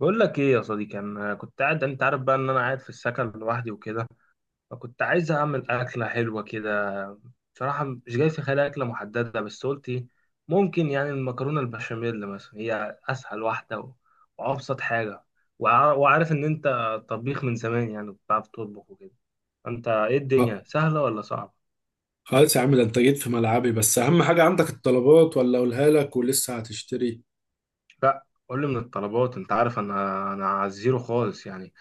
بقول لك ايه يا صديقي؟ انا كنت قاعد، انت عارف بقى ان انا قاعد في السكن لوحدي وكده. فكنت عايز اعمل اكله حلوه كده. بصراحه مش جاي في خيالي اكله محدده، بس قلت إيه، ممكن يعني المكرونه البشاميل مثلا هي اسهل واحده وابسط حاجه. وعارف ان انت طبيخ من زمان، يعني بتعرف تطبخ وكده. انت ايه، آه، الدنيا سهله ولا صعبه؟ خلاص يا عم، ده انت جيت في ملعبي. بس اهم حاجة، عندك الطلبات ولا اقولها لك ولسه هتشتري؟ لا، قول لي من الطلبات، انت عارف انا على الزيرو خالص، يعني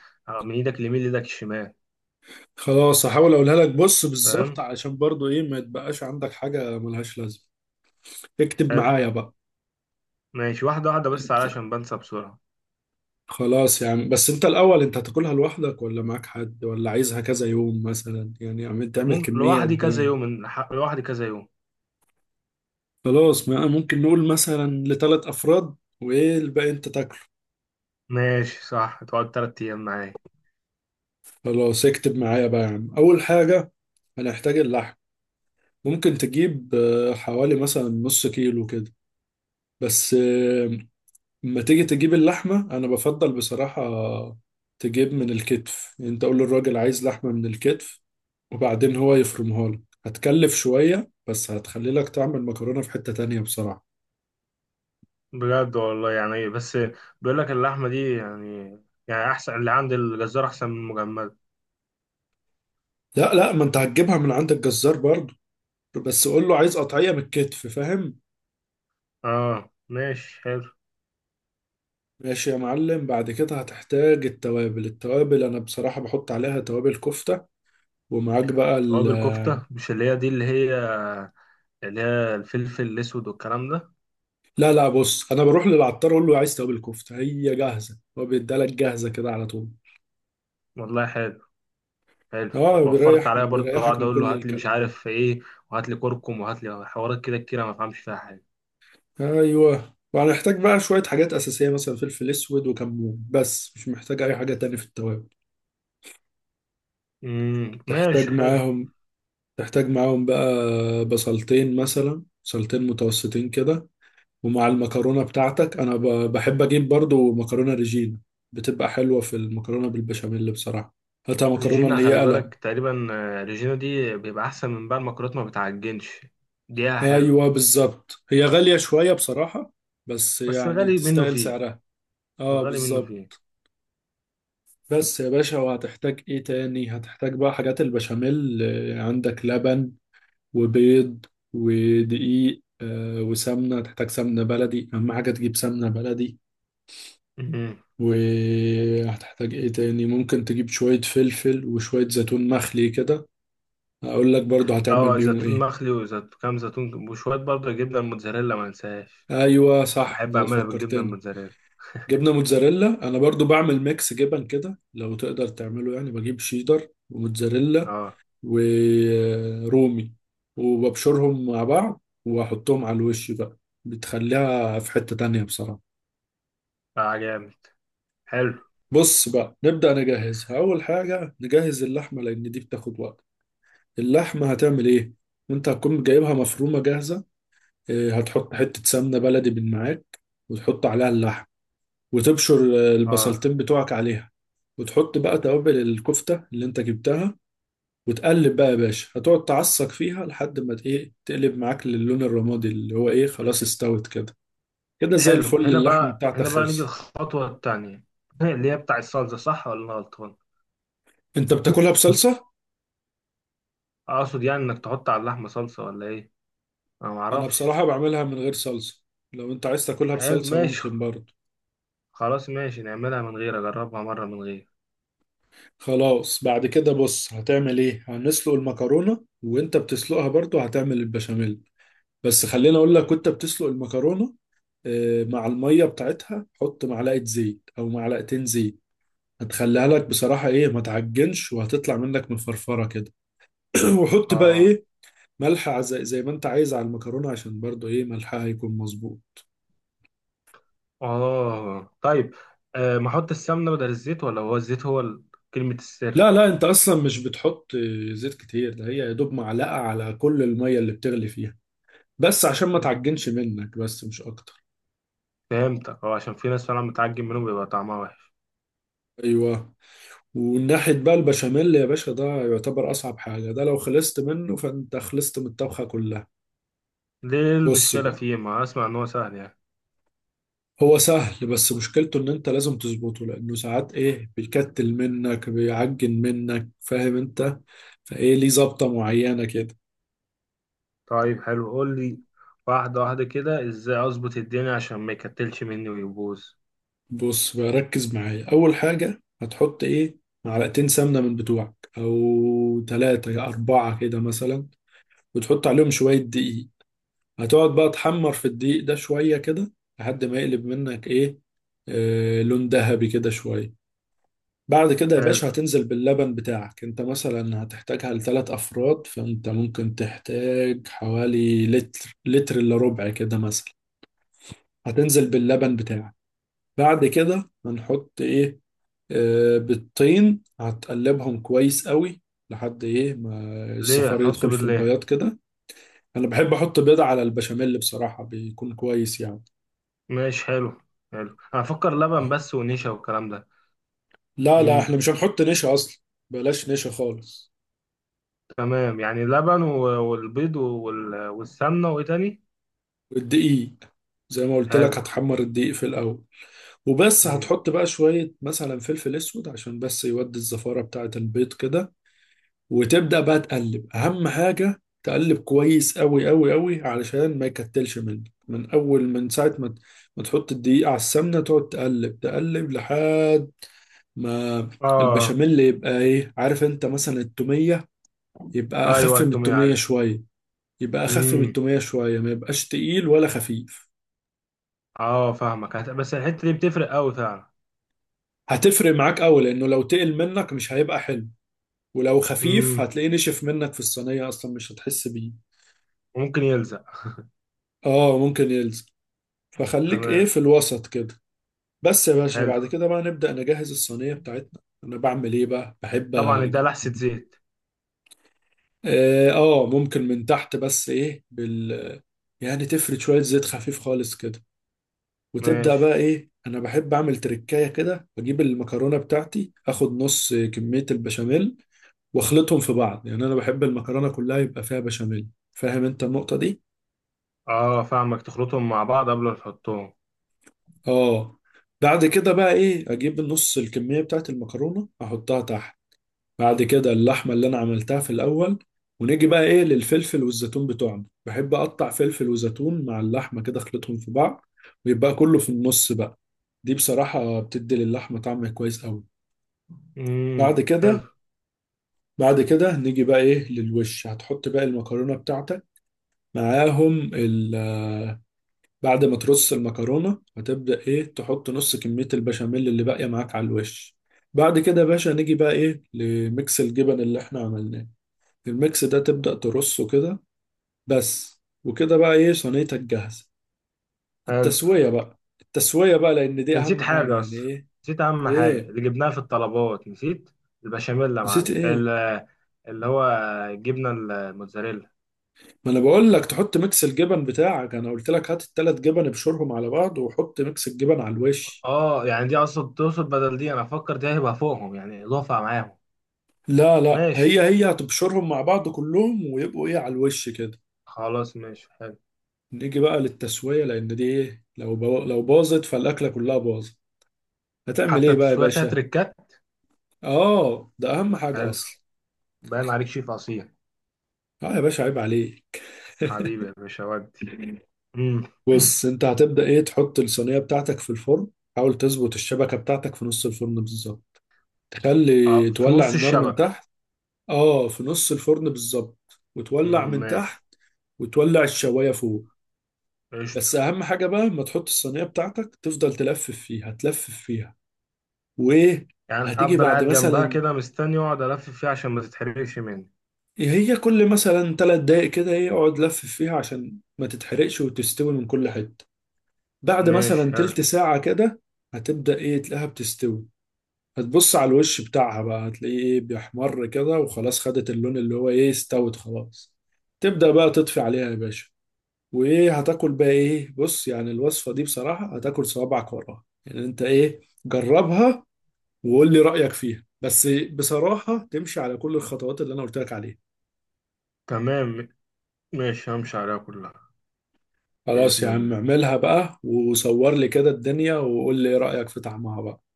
من ايدك اليمين لايدك الشمال. خلاص، هحاول اقولها لك. بص بالظبط فاهم. علشان برضو ايه ما يتبقاش عندك حاجة ملهاش لازمة. اكتب حلو. معايا بقى. ماشي، واحدة واحدة، بس انت- علشان بنسى بسرعة. خلاص يا عم، بس انت الاول، انت هتاكلها لوحدك ولا معاك حد؟ ولا عايزها كذا يوم مثلا؟ يعني عم تعمل ممكن كمية قد ايه؟ لوحدي كذا يوم. خلاص، ما ممكن نقول مثلا لثلاث افراد، وايه الباقي انت تاكله. ماشي، صح، تقعد 3 أيام معايا. خلاص اكتب معايا بقى يا عم. اول حاجة هنحتاج اللحم. ممكن تجيب حوالي مثلا نص كيلو كده. بس لما تيجي تجيب اللحمة أنا بفضل بصراحة تجيب من الكتف. يعني أنت قول للراجل عايز لحمة من الكتف، وبعدين هو يفرمها لك. هتكلف شوية بس هتخلي لك تعمل مكرونة في حتة تانية بصراحة. بجد والله، يعني إيه، بس بيقول لك اللحمة دي يعني أحسن، اللي عند الجزار أحسن من المجمدة. لا لا، ما أنت هتجيبها من عند الجزار برضو، بس قول له عايز قطعية من الكتف، فاهم. آه ماشي حلو. ماشي يا معلم. بعد كده هتحتاج التوابل. التوابل أنا بصراحة بحط عليها توابل كفتة. ومعاك بقى. توابل كفتة، مش اللي هي دي، اللي هي الفلفل الأسود والكلام ده. لا لا، بص انا بروح للعطار اقول له عايز توابل كفته، هي جاهزه، هو بيدالك جاهزه كده على طول. والله حلو، حلو. اه، وفرت بيريح عليا برضه بيريحك أقعد من أقول له كل هات لي مش الكلام ده. عارف إيه، وهات لي كركم وهات لي حوارات كده كتير، أنا ما بفهمش فيها حاجة. ايوه، وهنحتاج بقى شويه حاجات اساسيه، مثلا فلفل اسود وكمون، بس مش محتاج اي حاجه تاني في التوابل. تحتاج ماشي حلو. معاهم تحتاج معاهم بقى بصلتين، مثلا بصلتين متوسطين كده. ومع المكرونه بتاعتك انا بحب اجيب برضو مكرونه ريجينا، بتبقى حلوه في المكرونه بالبشاميل بصراحه. هاتها مكرونه ريجينا اللي هي خلي قلم. بالك، تقريبا ريجينا دي بيبقى احسن من بقى المكرونات، ما بتعجنش، دقيقها حلو. ايوه بالظبط، هي غالية شوية بصراحة، بس بس يعني الغالي منه تستاهل فيه، سعرها. اه الغالي منه فيه. بالظبط. بس يا باشا، وهتحتاج ايه تاني؟ هتحتاج بقى حاجات البشاميل. عندك لبن وبيض ودقيق وسمنة. هتحتاج سمنة بلدي، اهم حاجة تجيب سمنة بلدي. مهم. وهتحتاج ايه تاني؟ ممكن تجيب شوية فلفل وشوية زيتون مخلي كده. اقول لك برضو هتعمل اه، بيهم زيتون ايه. مخلي، وزيتون كام زيتون، وشوية برضه جبنة الموتزاريلا، ما انساهاش. ايوه صح، بحب اعملها بالجبنة فكرتني. الموتزاريلا. جبنه موتزاريلا، انا برضو بعمل ميكس جبن كده لو تقدر تعمله. يعني بجيب شيدر وموتزاريلا اه، ورومي، وببشرهم مع بعض واحطهم على الوش بقى، بتخليها في حتة تانية بصراحة. اه جامد، حلو. بص بقى نبدأ نجهزها. اول حاجة نجهز اللحمة لان دي بتاخد وقت. اللحمة هتعمل ايه؟ انت هتكون جايبها مفرومة جاهزة. هتحط حتة سمنة بلدي من معاك، وتحط عليها اللحم، وتبشر اه البصلتين بتوعك عليها، وتحط بقى توابل الكفتة اللي انت جبتها. وتقلب بقى يا باشا، هتقعد تعصق فيها لحد ما ت- ايه تقلب معاك للون الرمادي اللي هو ايه خلاص استوت كده. كده زي حلو. الفل، هنا اللحمة بقى، بتاعتك هنا بقى نيجي خلصت. الخطوة التانية. اللي هي بتاع الصلصة، صح ولا انا غلطان؟ انت بتاكلها بصلصة؟ اقصد يعني انك تحط على اللحمة صلصة ولا ايه؟ انا انا معرفش. بصراحة بعملها من غير صلصة. لو انت عايز تاكلها حلو بصلصة ماشي. ممكن برضه. خلاص ماشي، نعملها من غير، اجربها مرة من غير. خلاص بعد كده بص هتعمل ايه، هنسلق المكرونة، وانت بتسلقها برضه هتعمل البشاميل. بس خليني اقول لك، وانت بتسلق المكرونة مع المية بتاعتها حط معلقة زيت أو معلقتين زيت. هتخليها لك بصراحة إيه ما تعجنش، وهتطلع منك مفرفرة كده. وحط بقى اه، إيه، ملح، زي ما أنت عايز على المكرونة عشان برضو إيه ملحها هيكون مظبوط. اه طيب. آه، ما احط السمنه بدل الزيت، ولا هو الزيت كلمه السر؟ لا لا، أنت أصلا مش بتحط زيت كتير. ده هي يا دوب معلقة على كل المية اللي بتغلي فيها، بس عشان ما مم. تعجنش منك، بس مش أكتر. فهمتك، اه عشان في ناس فعلا متعجب منه بيبقى طعمها وحش. أيوه. وناحية بقى البشاميل يا باشا، ده يعتبر أصعب حاجة. ده لو خلصت منه فأنت خلصت من الطبخة كلها. ليه بص المشكله بقى، فيه؟ ما اسمع ان هو سهل يعني. هو سهل بس مشكلته ان انت لازم تظبطه، لانه ساعات ايه بيكتل منك، بيعجن منك، فاهم انت. فايه، ليه ظبطة معينة كده. طيب حلو قول لي، واحده واحده كده، ازاي اظبط الدنيا عشان ما يكتلش مني ويبوظ. بص بقى، ركز معايا. اول حاجة هتحط ايه، معلقتين سمنة من بتوعك او ثلاثة يا اربعة كده مثلا، وتحط عليهم شوية دقيق. هتقعد بقى تحمر في الدقيق ده شوية كده لحد ما يقلب منك ايه، آه لون ذهبي كده شوية. بعد كده يا حلو. باشا هتنزل باللبن بتاعك. انت مثلا هتحتاجها لثلاث افراد، فانت ممكن تحتاج حوالي لتر، لتر الا ربع كده مثلا. هتنزل باللبن بتاعك. بعد كده هنحط ايه، آه بالطين. هتقلبهم كويس قوي لحد ايه ما ليه الصفار هنحط يدخل بيض في ليه؟ البياض كده. انا بحب احط بيضة على البشاميل بصراحة، بيكون كويس يعني. ماشي حلو. حلو، انا افكر لبن بس ونشا والكلام لا لا، ده. احنا مش هنحط نشا اصلا، بلاش نشا خالص. تمام، يعني لبن والبيض والسمنة، وإيه تاني؟ والدقيق زي ما قلت لك، حلو. هتحمر الدقيق في الاول وبس. مم. هتحط بقى شوية مثلا فلفل اسود عشان بس يودي الزفارة بتاعة البيض كده. وتبدأ بقى تقلب، اهم حاجة تقلب كويس قوي قوي قوي علشان ما يكتلش منك. من اول من ساعة ما تحط الدقيق على السمنة، تقعد تقلب تقلب لحد ما آه. البشاميل يبقى ايه، عارف انت مثلا التومية، يبقى أيوه اخف من التومية التومية عارف. شوية. مم. ما يبقاش تقيل ولا خفيف. آه فاهمك، بس الحتة دي بتفرق أوي فعلا. هتفرق معاك قوي لانه لو تقل منك مش هيبقى حلو، ولو خفيف مم. هتلاقيه نشف منك في الصينية أصلا مش هتحس بيه. ممكن يلزق. اه ممكن يلزق. فخليك ايه تمام. في الوسط كده. بس يا باشا، حلو. بعد كده بقى نبدأ نجهز الصينية بتاعتنا. أنا بعمل ايه بقى، بحب طبعا ده أجيب لحسة زيت. اه ممكن من تحت بس ايه بال، يعني تفرد شوية زيت خفيف خالص كده. وتبدأ ماشي. بقى ايه، أنا بحب أعمل تركاية كده. بجيب المكرونة بتاعتي، أخد نص كمية البشاميل وأخلطهم في بعض. يعني أنا بحب المكرونة كلها يبقى فيها بشاميل، فاهم أنت النقطة دي؟ آه فاهمك، تخلطهم مع بعض قبل ما تحطهم. اه. بعد كده بقى ايه، اجيب نص الكمية بتاعت المكرونة احطها تحت، بعد كده اللحمة اللي انا عملتها في الاول. ونيجي بقى ايه للفلفل والزيتون بتوعنا، بحب اقطع فلفل وزيتون مع اللحمة كده اخلطهم في بعض، ويبقى كله في النص بقى. دي بصراحة بتدي للحمة طعم كويس قوي. بعد مم. حلو. كده بعد كده نيجي بقى ايه للوش، هتحط بقى المكرونة بتاعتك معاهم. بعد ما ترص المكرونة هتبدأ إيه تحط نص كمية البشاميل اللي باقية معاك على الوش. بعد كده يا باشا نيجي بقى إيه لميكس الجبن اللي إحنا عملناه، الميكس ده تبدأ ترصه كده. بس وكده بقى إيه، صينيتك جاهزة. حلو، التسوية بقى، التسوية بقى لأن دي نسيت أهم حاجة حاجة يعني أصلا. إيه. نسيت أهم حاجة إيه، اللي جبناها في الطلبات، نسيت البشاميل يا نسيت معلم، إيه. اللي هو الجبنة الموتزاريلا. ما أنا بقول لك تحط ميكس الجبن بتاعك، أنا قلت لك هات التلات جبن ابشرهم على بعض وحط ميكس الجبن على الوش. اه يعني دي اصلا تقصد، بدل دي انا افكر، دي هيبقى فوقهم يعني اضافه معاهم؟ لا لا، هي ماشي. هي هتبشرهم مع بعض كلهم ويبقوا إيه على الوش كده. خلاص ماشي حلو. نيجي بقى للتسوية لأن دي إيه، لو باظت فالأكلة كلها باظت. هتعمل حتى إيه بقى يا التسويق فيها باشا؟ تريكات. آه، ده أهم حاجة حلو. أصلا. باين عليك شيف اصيل. آه يا باشا، عيب عليك. حبيبي يا باشا ودي. امم. بص، أنت هتبدأ إيه تحط الصينية بتاعتك في الفرن. حاول تظبط الشبكة بتاعتك في نص الفرن بالظبط، اه، تخلي في تولع نص النار من الشبكه. تحت. آه في نص الفرن بالظبط، وتولع من ماشي. تحت وتولع الشواية فوق. قشطه. بس أهم حاجة بقى، لما تحط الصينية بتاعتك تفضل تلفف فيها تلفف فيها وإيه، يعني هتيجي افضل بعد قاعد جنبها مثلا، كده، مستني واقعد الف فيها عشان ما تتحرقش مني. هي كل مثلا 3 دقايق كده ايه اقعد لف فيها عشان ما تتحرقش وتستوي من كل حتة. بعد ماشي مثلا حلو. تلت ساعة كده هتبدأ ايه تلاقيها بتستوي. هتبص على الوش بتاعها بقى هتلاقيه ايه بيحمر كده وخلاص خدت اللون اللي هو ايه، استوت خلاص. تبدأ بقى تطفي عليها يا باشا. وايه، هتاكل بقى ايه. بص، يعني الوصفة دي بصراحة هتاكل صوابعك وراها. يعني انت ايه، جربها وقول لي رأيك فيها. بس بصراحة تمشي على كل الخطوات اللي انا قلت لك عليها. تمام. ماشي، همشي عليها كلها. خلاص باذن يا عم الله. اعملها بقى، وصور لي كده الدنيا وقول لي ايه رأيك في طعمها بقى.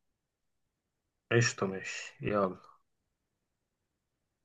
قشطه، ماشي، يلا.